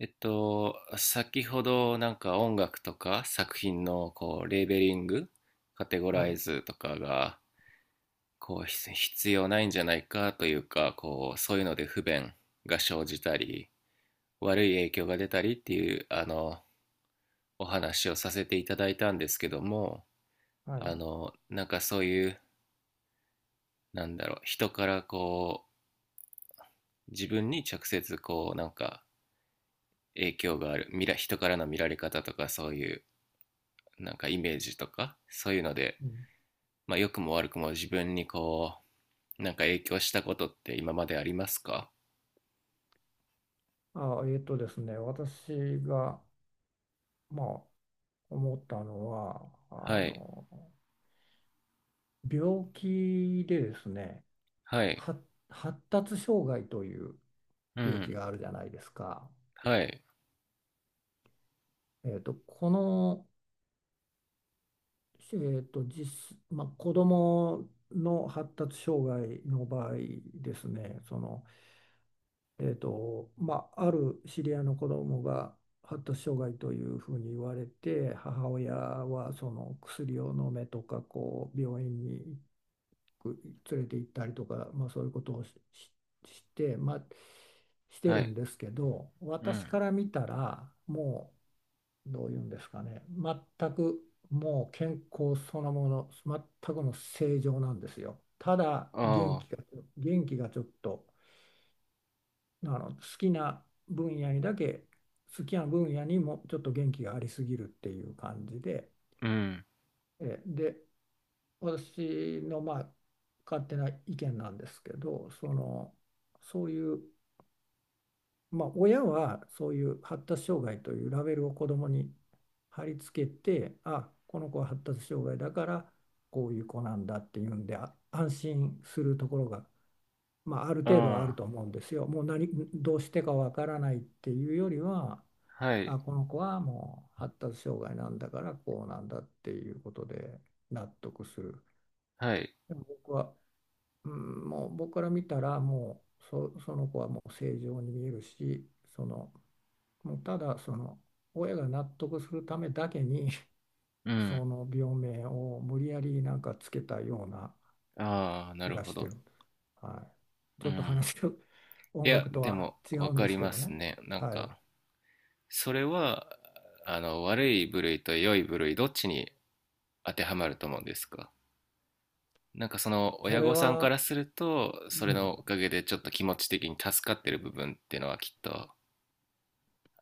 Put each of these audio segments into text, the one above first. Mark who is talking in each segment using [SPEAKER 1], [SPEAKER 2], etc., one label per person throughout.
[SPEAKER 1] 先ほどなんか音楽とか作品のこうレーベリング、カテゴ
[SPEAKER 2] は
[SPEAKER 1] ライ
[SPEAKER 2] い、
[SPEAKER 1] ズとかがこう必要ないんじゃないかというか、こうそういうので不便が生じたり、悪い影響が出たりっていうあのお話をさせていただいたんですけども、
[SPEAKER 2] は
[SPEAKER 1] あ
[SPEAKER 2] い。
[SPEAKER 1] のなんかそういうなんだろう、人からこう自分に直接こうなんか影響がある、人からの見られ方とかそういうなんかイメージとかそういうので、
[SPEAKER 2] うん
[SPEAKER 1] まあ、良くも悪くも自分にこう、なんか影響したことって今までありますか？
[SPEAKER 2] あ、えっとですね、私が、まあ、思ったのは、あ
[SPEAKER 1] はい、
[SPEAKER 2] の、病気でですね、
[SPEAKER 1] はい、
[SPEAKER 2] 発、発達障害という
[SPEAKER 1] う
[SPEAKER 2] 病気
[SPEAKER 1] ん、
[SPEAKER 2] があるじゃないですか。
[SPEAKER 1] はい、
[SPEAKER 2] えっと、この、えっと、実、まあ、子供の発達障害の場合ですね、ある知り合いの子供が発達障害というふうに言われて、母親はその薬を飲めとか、こう病院に行く連れて行ったりとか、まあ、そういうことをして、して
[SPEAKER 1] は
[SPEAKER 2] るん
[SPEAKER 1] い、
[SPEAKER 2] ですけど、
[SPEAKER 1] う
[SPEAKER 2] 私
[SPEAKER 1] ん、
[SPEAKER 2] から見たら、もうどういうんですかね、全く健康そのもの、全くの正常なんですよ。ただ元
[SPEAKER 1] あ
[SPEAKER 2] 気
[SPEAKER 1] あ、
[SPEAKER 2] が、元気がちょっと。あの、好きな分野にもちょっと元気がありすぎるっていう感じで、
[SPEAKER 1] うん、
[SPEAKER 2] えで私の勝手な意見なんですけど、そのそういう、まあ、親はそういう発達障害というラベルを子供に貼り付けて、この子は発達障害だからこういう子なんだっていうんで安心するところが、まあ、ある程度はある
[SPEAKER 1] あ
[SPEAKER 2] と思うんですよ。もう何どうしてかわからないっていうよりは、
[SPEAKER 1] あ、はい、
[SPEAKER 2] この子はもう発達障害なんだからこうなんだっていうことで納得する。
[SPEAKER 1] はい、
[SPEAKER 2] でも僕は、うん、もう僕から見たらもうそ、その子はもう正常に見えるし、その、ただ親が納得するためだけに
[SPEAKER 1] う ん、
[SPEAKER 2] その病名を無理やりなんかつけたような
[SPEAKER 1] ああ、な
[SPEAKER 2] 気
[SPEAKER 1] る
[SPEAKER 2] が
[SPEAKER 1] ほ
[SPEAKER 2] して
[SPEAKER 1] ど。
[SPEAKER 2] るんです。はい。ち
[SPEAKER 1] う
[SPEAKER 2] ょっと
[SPEAKER 1] ん。
[SPEAKER 2] 話が
[SPEAKER 1] い
[SPEAKER 2] 音
[SPEAKER 1] や、
[SPEAKER 2] 楽と
[SPEAKER 1] で
[SPEAKER 2] は
[SPEAKER 1] も、
[SPEAKER 2] 違
[SPEAKER 1] わ
[SPEAKER 2] うん
[SPEAKER 1] か
[SPEAKER 2] です
[SPEAKER 1] り
[SPEAKER 2] け
[SPEAKER 1] ま
[SPEAKER 2] ど
[SPEAKER 1] す
[SPEAKER 2] ね。
[SPEAKER 1] ね。なん
[SPEAKER 2] はい。
[SPEAKER 1] か、それは、あの、悪い部類と良い部類、どっちに当てはまると思うんですか？なんかその
[SPEAKER 2] そ
[SPEAKER 1] 親
[SPEAKER 2] れ
[SPEAKER 1] 御さんか
[SPEAKER 2] は、
[SPEAKER 1] らすると、
[SPEAKER 2] う
[SPEAKER 1] それ
[SPEAKER 2] ん。
[SPEAKER 1] のおかげでちょっと気持ち的に助かってる部分っていうのはきっと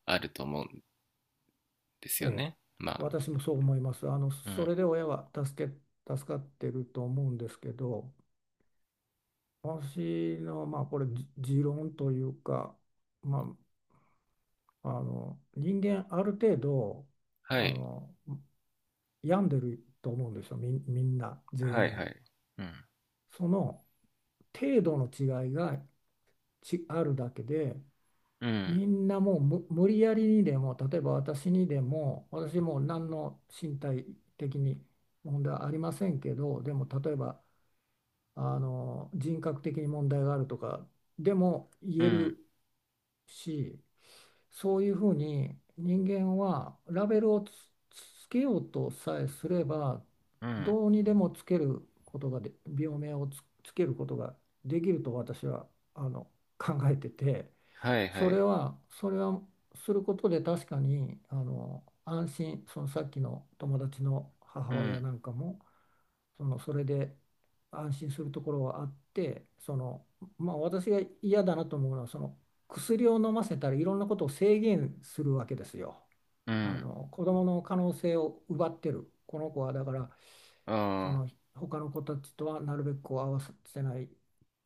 [SPEAKER 1] あると思うんです
[SPEAKER 2] え
[SPEAKER 1] よ
[SPEAKER 2] え、
[SPEAKER 1] ね。まあ、
[SPEAKER 2] 私もそう思います。あの、
[SPEAKER 1] うん、
[SPEAKER 2] そ
[SPEAKER 1] あ。
[SPEAKER 2] れで親は助け、助かってると思うんですけど、私の、まあ、これ、じ持論というか、まあ、あの、人間、ある程度、
[SPEAKER 1] は
[SPEAKER 2] あ
[SPEAKER 1] い。
[SPEAKER 2] の、病んでると思うんですよ、みんな、
[SPEAKER 1] は
[SPEAKER 2] 全
[SPEAKER 1] いは
[SPEAKER 2] 員。
[SPEAKER 1] い。うん、
[SPEAKER 2] その程度の違いが、あるだけで、
[SPEAKER 1] うん、
[SPEAKER 2] みんなもうむ無理やりにでも、例えば私も何の身体的に問題はありませんけど、でも例えばあの人格的に問題があるとかでも
[SPEAKER 1] う
[SPEAKER 2] 言え
[SPEAKER 1] ん、
[SPEAKER 2] るし、そういうふうに人間はラベルをつけようとさえすれば、
[SPEAKER 1] うん、
[SPEAKER 2] どうにでもつけることが病名をつけることができると私はあの考えてて。
[SPEAKER 1] はいは
[SPEAKER 2] それ
[SPEAKER 1] い。
[SPEAKER 2] は、それはすることで確かに、あの、安心、そのさっきの友達の
[SPEAKER 1] う
[SPEAKER 2] 母親
[SPEAKER 1] ん、
[SPEAKER 2] なんかも、その、それで安心するところはあって、その、まあ私が嫌だなと思うのは、その薬を飲ませたらいろんなことを制限するわけですよ。
[SPEAKER 1] う
[SPEAKER 2] あ
[SPEAKER 1] ん、
[SPEAKER 2] の、子供の可能性を奪ってる。この子はだから、そ
[SPEAKER 1] ああ、
[SPEAKER 2] の他の子たちとはなるべくこう合わせない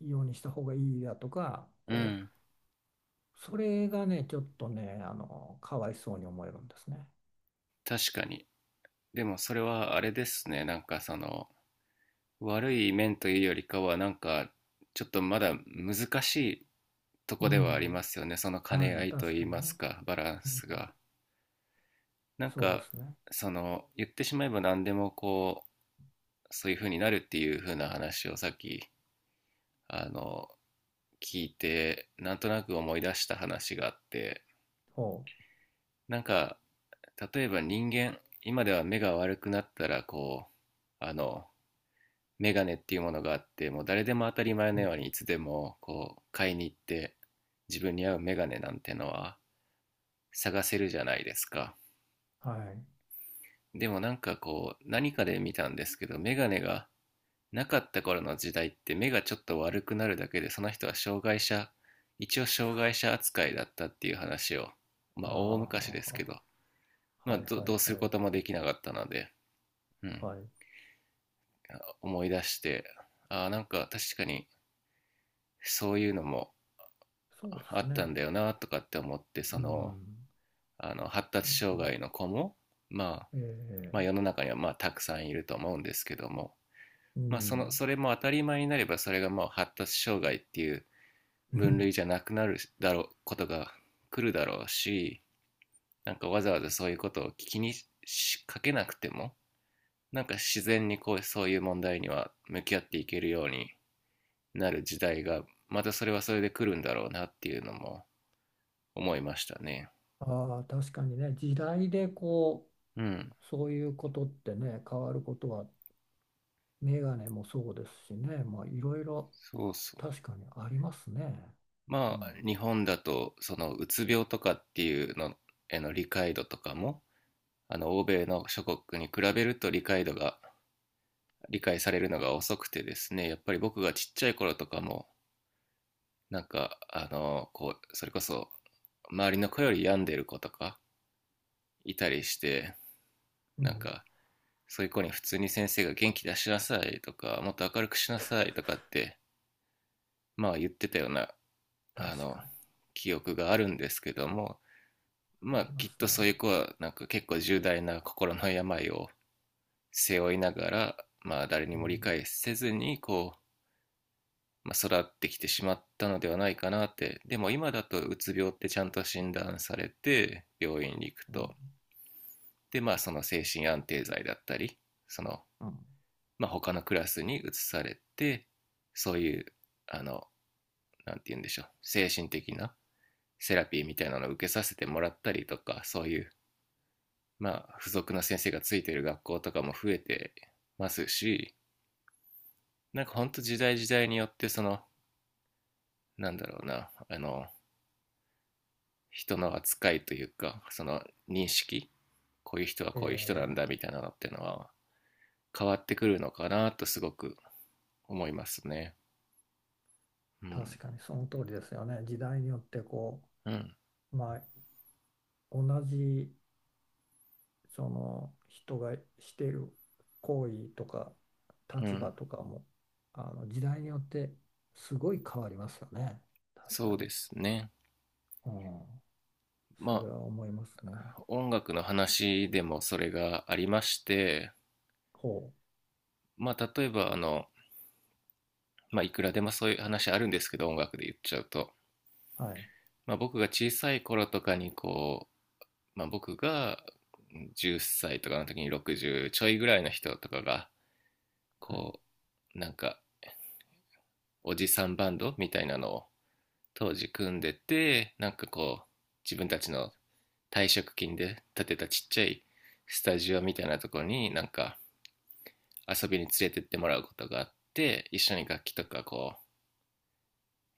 [SPEAKER 2] ようにした方がいいだとか、
[SPEAKER 1] う
[SPEAKER 2] こう
[SPEAKER 1] ん、
[SPEAKER 2] それがね、ちょっとね、あの、かわいそうに思えるんですね。
[SPEAKER 1] 確かに。でもそれはあれですね。なんかその、悪い面というよりかは、なんか、ちょっとまだ難しいと
[SPEAKER 2] う
[SPEAKER 1] こではあり
[SPEAKER 2] ん。
[SPEAKER 1] ますよね。その兼ね
[SPEAKER 2] は
[SPEAKER 1] 合
[SPEAKER 2] い、
[SPEAKER 1] いと
[SPEAKER 2] 確
[SPEAKER 1] い
[SPEAKER 2] か
[SPEAKER 1] い
[SPEAKER 2] に
[SPEAKER 1] ます
[SPEAKER 2] ね。
[SPEAKER 1] か、バラン
[SPEAKER 2] うん、
[SPEAKER 1] スが。なん
[SPEAKER 2] そうで
[SPEAKER 1] か、
[SPEAKER 2] すね。
[SPEAKER 1] その、言ってしまえば何でもこう、そういう風になるっていう風な話をさっき、あの、聞いてなんとなく思い出した話があって。
[SPEAKER 2] ほ
[SPEAKER 1] なんか例えば、人間今では目が悪くなったらこう、あのメガネっていうものがあって、もう誰でも当たり前
[SPEAKER 2] う。
[SPEAKER 1] の
[SPEAKER 2] う
[SPEAKER 1] ようにい
[SPEAKER 2] ん。
[SPEAKER 1] つでもこう買いに行って、自分に合うメガネなんてのは探せるじゃないですか。
[SPEAKER 2] はい。
[SPEAKER 1] でもなんかこう、何かで見たんですけど、メガネがなかった頃の時代って、目がちょっと悪くなるだけでその人は障害者一応障害者扱いだったっていう話を、
[SPEAKER 2] あ
[SPEAKER 1] ま
[SPEAKER 2] あ、
[SPEAKER 1] あ大
[SPEAKER 2] は
[SPEAKER 1] 昔で
[SPEAKER 2] あ、
[SPEAKER 1] すけ
[SPEAKER 2] は
[SPEAKER 1] ど、
[SPEAKER 2] あ、
[SPEAKER 1] まあ、
[SPEAKER 2] はいは
[SPEAKER 1] どう
[SPEAKER 2] い
[SPEAKER 1] する
[SPEAKER 2] は
[SPEAKER 1] こ
[SPEAKER 2] い。
[SPEAKER 1] ともできなかったので、うん、
[SPEAKER 2] はい。
[SPEAKER 1] 思い出して、ああなんか確かにそういうのも
[SPEAKER 2] そうで
[SPEAKER 1] あ
[SPEAKER 2] す
[SPEAKER 1] っ
[SPEAKER 2] ね。
[SPEAKER 1] たんだよなとかって思って。そ
[SPEAKER 2] う
[SPEAKER 1] の、
[SPEAKER 2] ん。
[SPEAKER 1] あの発
[SPEAKER 2] そう
[SPEAKER 1] 達
[SPEAKER 2] です
[SPEAKER 1] 障
[SPEAKER 2] ね。
[SPEAKER 1] 害の子も、まあ、
[SPEAKER 2] え
[SPEAKER 1] まあ世の
[SPEAKER 2] え、
[SPEAKER 1] 中にはまあたくさんいると思うんですけども、
[SPEAKER 2] う
[SPEAKER 1] まあ、その
[SPEAKER 2] ん。
[SPEAKER 1] それも当たり前になれば、それがまあ発達障害っていう分類じゃ なくなるだろうことが来るだろうし、なんかわざわざそういうことを気にしかけなくても、なんか自然にこう、そういう問題には向き合っていけるようになる時代が、またそれはそれで来るんだろうなっていうのも思いましたね。
[SPEAKER 2] ああ、確かにね、時代でこ
[SPEAKER 1] うん、
[SPEAKER 2] う、そういうことってね、変わることは、メガネもそうですしね、まあ、いろいろ
[SPEAKER 1] そうそう。
[SPEAKER 2] 確かにありますね。う
[SPEAKER 1] まあ日
[SPEAKER 2] ん。
[SPEAKER 1] 本だと、そのうつ病とかっていうのへの理解度とかも、あの欧米の諸国に比べると、理解されるのが遅くてですね、やっぱり僕がちっちゃい頃とかも、なんか、あの、こう、それこそ、周りの子より病んでる子とかいたりして、
[SPEAKER 2] う
[SPEAKER 1] なん
[SPEAKER 2] ん。
[SPEAKER 1] か、そういう子に普通に先生が元気出しなさいとか、もっと明るくしなさいとかって、まあ言ってたような、あ
[SPEAKER 2] 確
[SPEAKER 1] の、
[SPEAKER 2] かに、
[SPEAKER 1] 記憶があるんですけども、ま
[SPEAKER 2] あ
[SPEAKER 1] あ
[SPEAKER 2] りま
[SPEAKER 1] きっ
[SPEAKER 2] す
[SPEAKER 1] とそうい
[SPEAKER 2] ね。
[SPEAKER 1] う子は、なんか結構重大な心の病を背負いながら、まあ誰に
[SPEAKER 2] う
[SPEAKER 1] も理
[SPEAKER 2] ん、
[SPEAKER 1] 解せずに、まあ、育ってきてしまったのではないかなって。でも今だと、うつ病ってちゃんと診断されて病院に行く
[SPEAKER 2] うん、
[SPEAKER 1] と、でまあその精神安定剤だったり、その、
[SPEAKER 2] うん。
[SPEAKER 1] まあ、他のクラスに移されて、そういう、あの、なんて言うんでしょう、精神的なセラピーみたいなのを受けさせてもらったりとか、そういう、まあ、付属の先生がついてる学校とかも増えてますし、なんか本当、時代時代によってその、なんだろうな、あの人の扱いというか、その認識、こういう人はこういう人なん
[SPEAKER 2] え
[SPEAKER 1] だみたいなのっていうのは変わってくるのかなと、すごく思いますね。う
[SPEAKER 2] ー、確
[SPEAKER 1] ん、
[SPEAKER 2] かにその通りですよね。時代によってこ
[SPEAKER 1] うん、
[SPEAKER 2] う、まあ、同じその人がしている行為とか
[SPEAKER 1] う
[SPEAKER 2] 立
[SPEAKER 1] ん、
[SPEAKER 2] 場とかも、あの時代によってすごい変わりますよね。確か
[SPEAKER 1] そ
[SPEAKER 2] に。
[SPEAKER 1] うですね。
[SPEAKER 2] うん、そ
[SPEAKER 1] ま
[SPEAKER 2] れは思いますね。
[SPEAKER 1] あ音楽の話でもそれがありまして、
[SPEAKER 2] ほ
[SPEAKER 1] まあ例えば、あの、まあ、いくらでもそういう話あるんですけど、音楽で言っちゃうと、
[SPEAKER 2] う。はい。
[SPEAKER 1] まあ、僕が小さい頃とかにこう、まあ、僕が10歳とかの時に、60ちょいぐらいの人とかが
[SPEAKER 2] はい。
[SPEAKER 1] こう、なんかおじさんバンドみたいなのを当時組んでて、なんかこう自分たちの退職金で建てたちっちゃいスタジオみたいなとこに、なんか遊びに連れてってもらうことがあって、一緒に楽器とかこう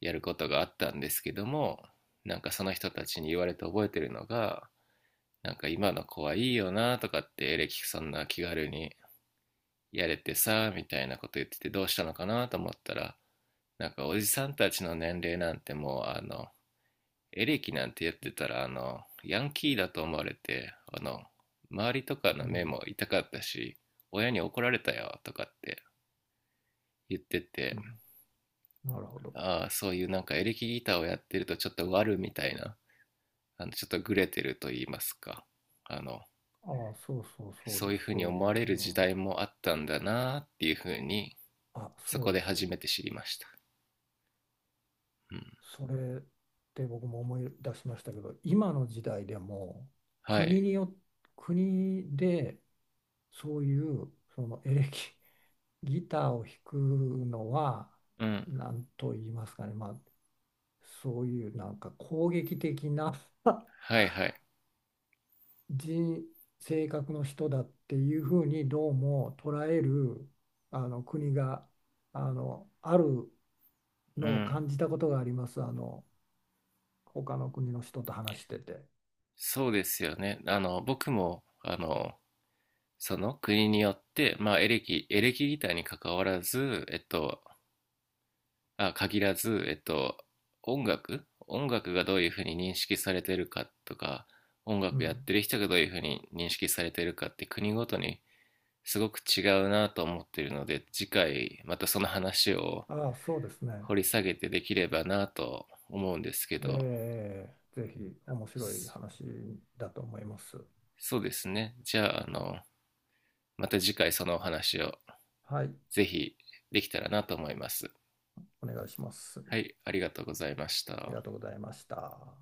[SPEAKER 1] やることがあったんですけども、なんかその人たちに言われて覚えてるのが、なんか今の子はいいよなとかって、エレキそんな気軽にやれてさみたいなこと言ってて、どうしたのかなと思ったら、なんかおじさんたちの年齢なんてもう、あのエレキなんてやってたら、あの、ヤンキーだと思われて、あの、周りとか
[SPEAKER 2] う
[SPEAKER 1] の目
[SPEAKER 2] ん、
[SPEAKER 1] も痛かったし、親に怒られたよとかって言ってて、
[SPEAKER 2] うん。なるほど。
[SPEAKER 1] ああ、そういうなんかエレキギターをやってるとちょっと悪みたいな、あの、ちょっとグレてると言いますか、あの、
[SPEAKER 2] ああ、そうそうそう
[SPEAKER 1] そう
[SPEAKER 2] で
[SPEAKER 1] いうふ
[SPEAKER 2] す。
[SPEAKER 1] うに
[SPEAKER 2] そう
[SPEAKER 1] 思
[SPEAKER 2] いう。
[SPEAKER 1] われる
[SPEAKER 2] う
[SPEAKER 1] 時
[SPEAKER 2] ん
[SPEAKER 1] 代もあったんだなっていうふうに、そ
[SPEAKER 2] そう
[SPEAKER 1] こ
[SPEAKER 2] で
[SPEAKER 1] で
[SPEAKER 2] す。
[SPEAKER 1] 初めて知りました。うん。
[SPEAKER 2] それって僕も思い出しましたけど、今の時代でも
[SPEAKER 1] は
[SPEAKER 2] 国
[SPEAKER 1] い。
[SPEAKER 2] によ、国でそういうそのエレキ、ギターを弾くのは
[SPEAKER 1] うん。
[SPEAKER 2] 何と言いますかね、まあ、そういうなんか攻撃的な
[SPEAKER 1] はいはい。
[SPEAKER 2] 人、性格の人だっていうふうにどうも捉えるあの国がある
[SPEAKER 1] う
[SPEAKER 2] のを
[SPEAKER 1] ん。
[SPEAKER 2] 感じたことがあります。あの他の国の人と話してて、
[SPEAKER 1] そうですよね。あの、僕も、あの、その国によって、まあ、エレキギターに関わらず、えっと、あ、限らず、音楽がどういうふうに認識されてるかとか、音
[SPEAKER 2] う
[SPEAKER 1] 楽やっ
[SPEAKER 2] ん、
[SPEAKER 1] てる人がどういうふうに認識されてるかって国ごとにすごく違うなと思ってるので、次回またその話を
[SPEAKER 2] ああ、そうですね、
[SPEAKER 1] 掘り下げてできればなと思うんですけど、
[SPEAKER 2] ええ、ぜひ面白い話だと思います。
[SPEAKER 1] そうですね。じゃあ、あの、また次回そのお話を
[SPEAKER 2] はい、
[SPEAKER 1] ぜひできたらなと思います。
[SPEAKER 2] お願いします。あ
[SPEAKER 1] はい、ありがとうございまし
[SPEAKER 2] りが
[SPEAKER 1] た。
[SPEAKER 2] とうございました。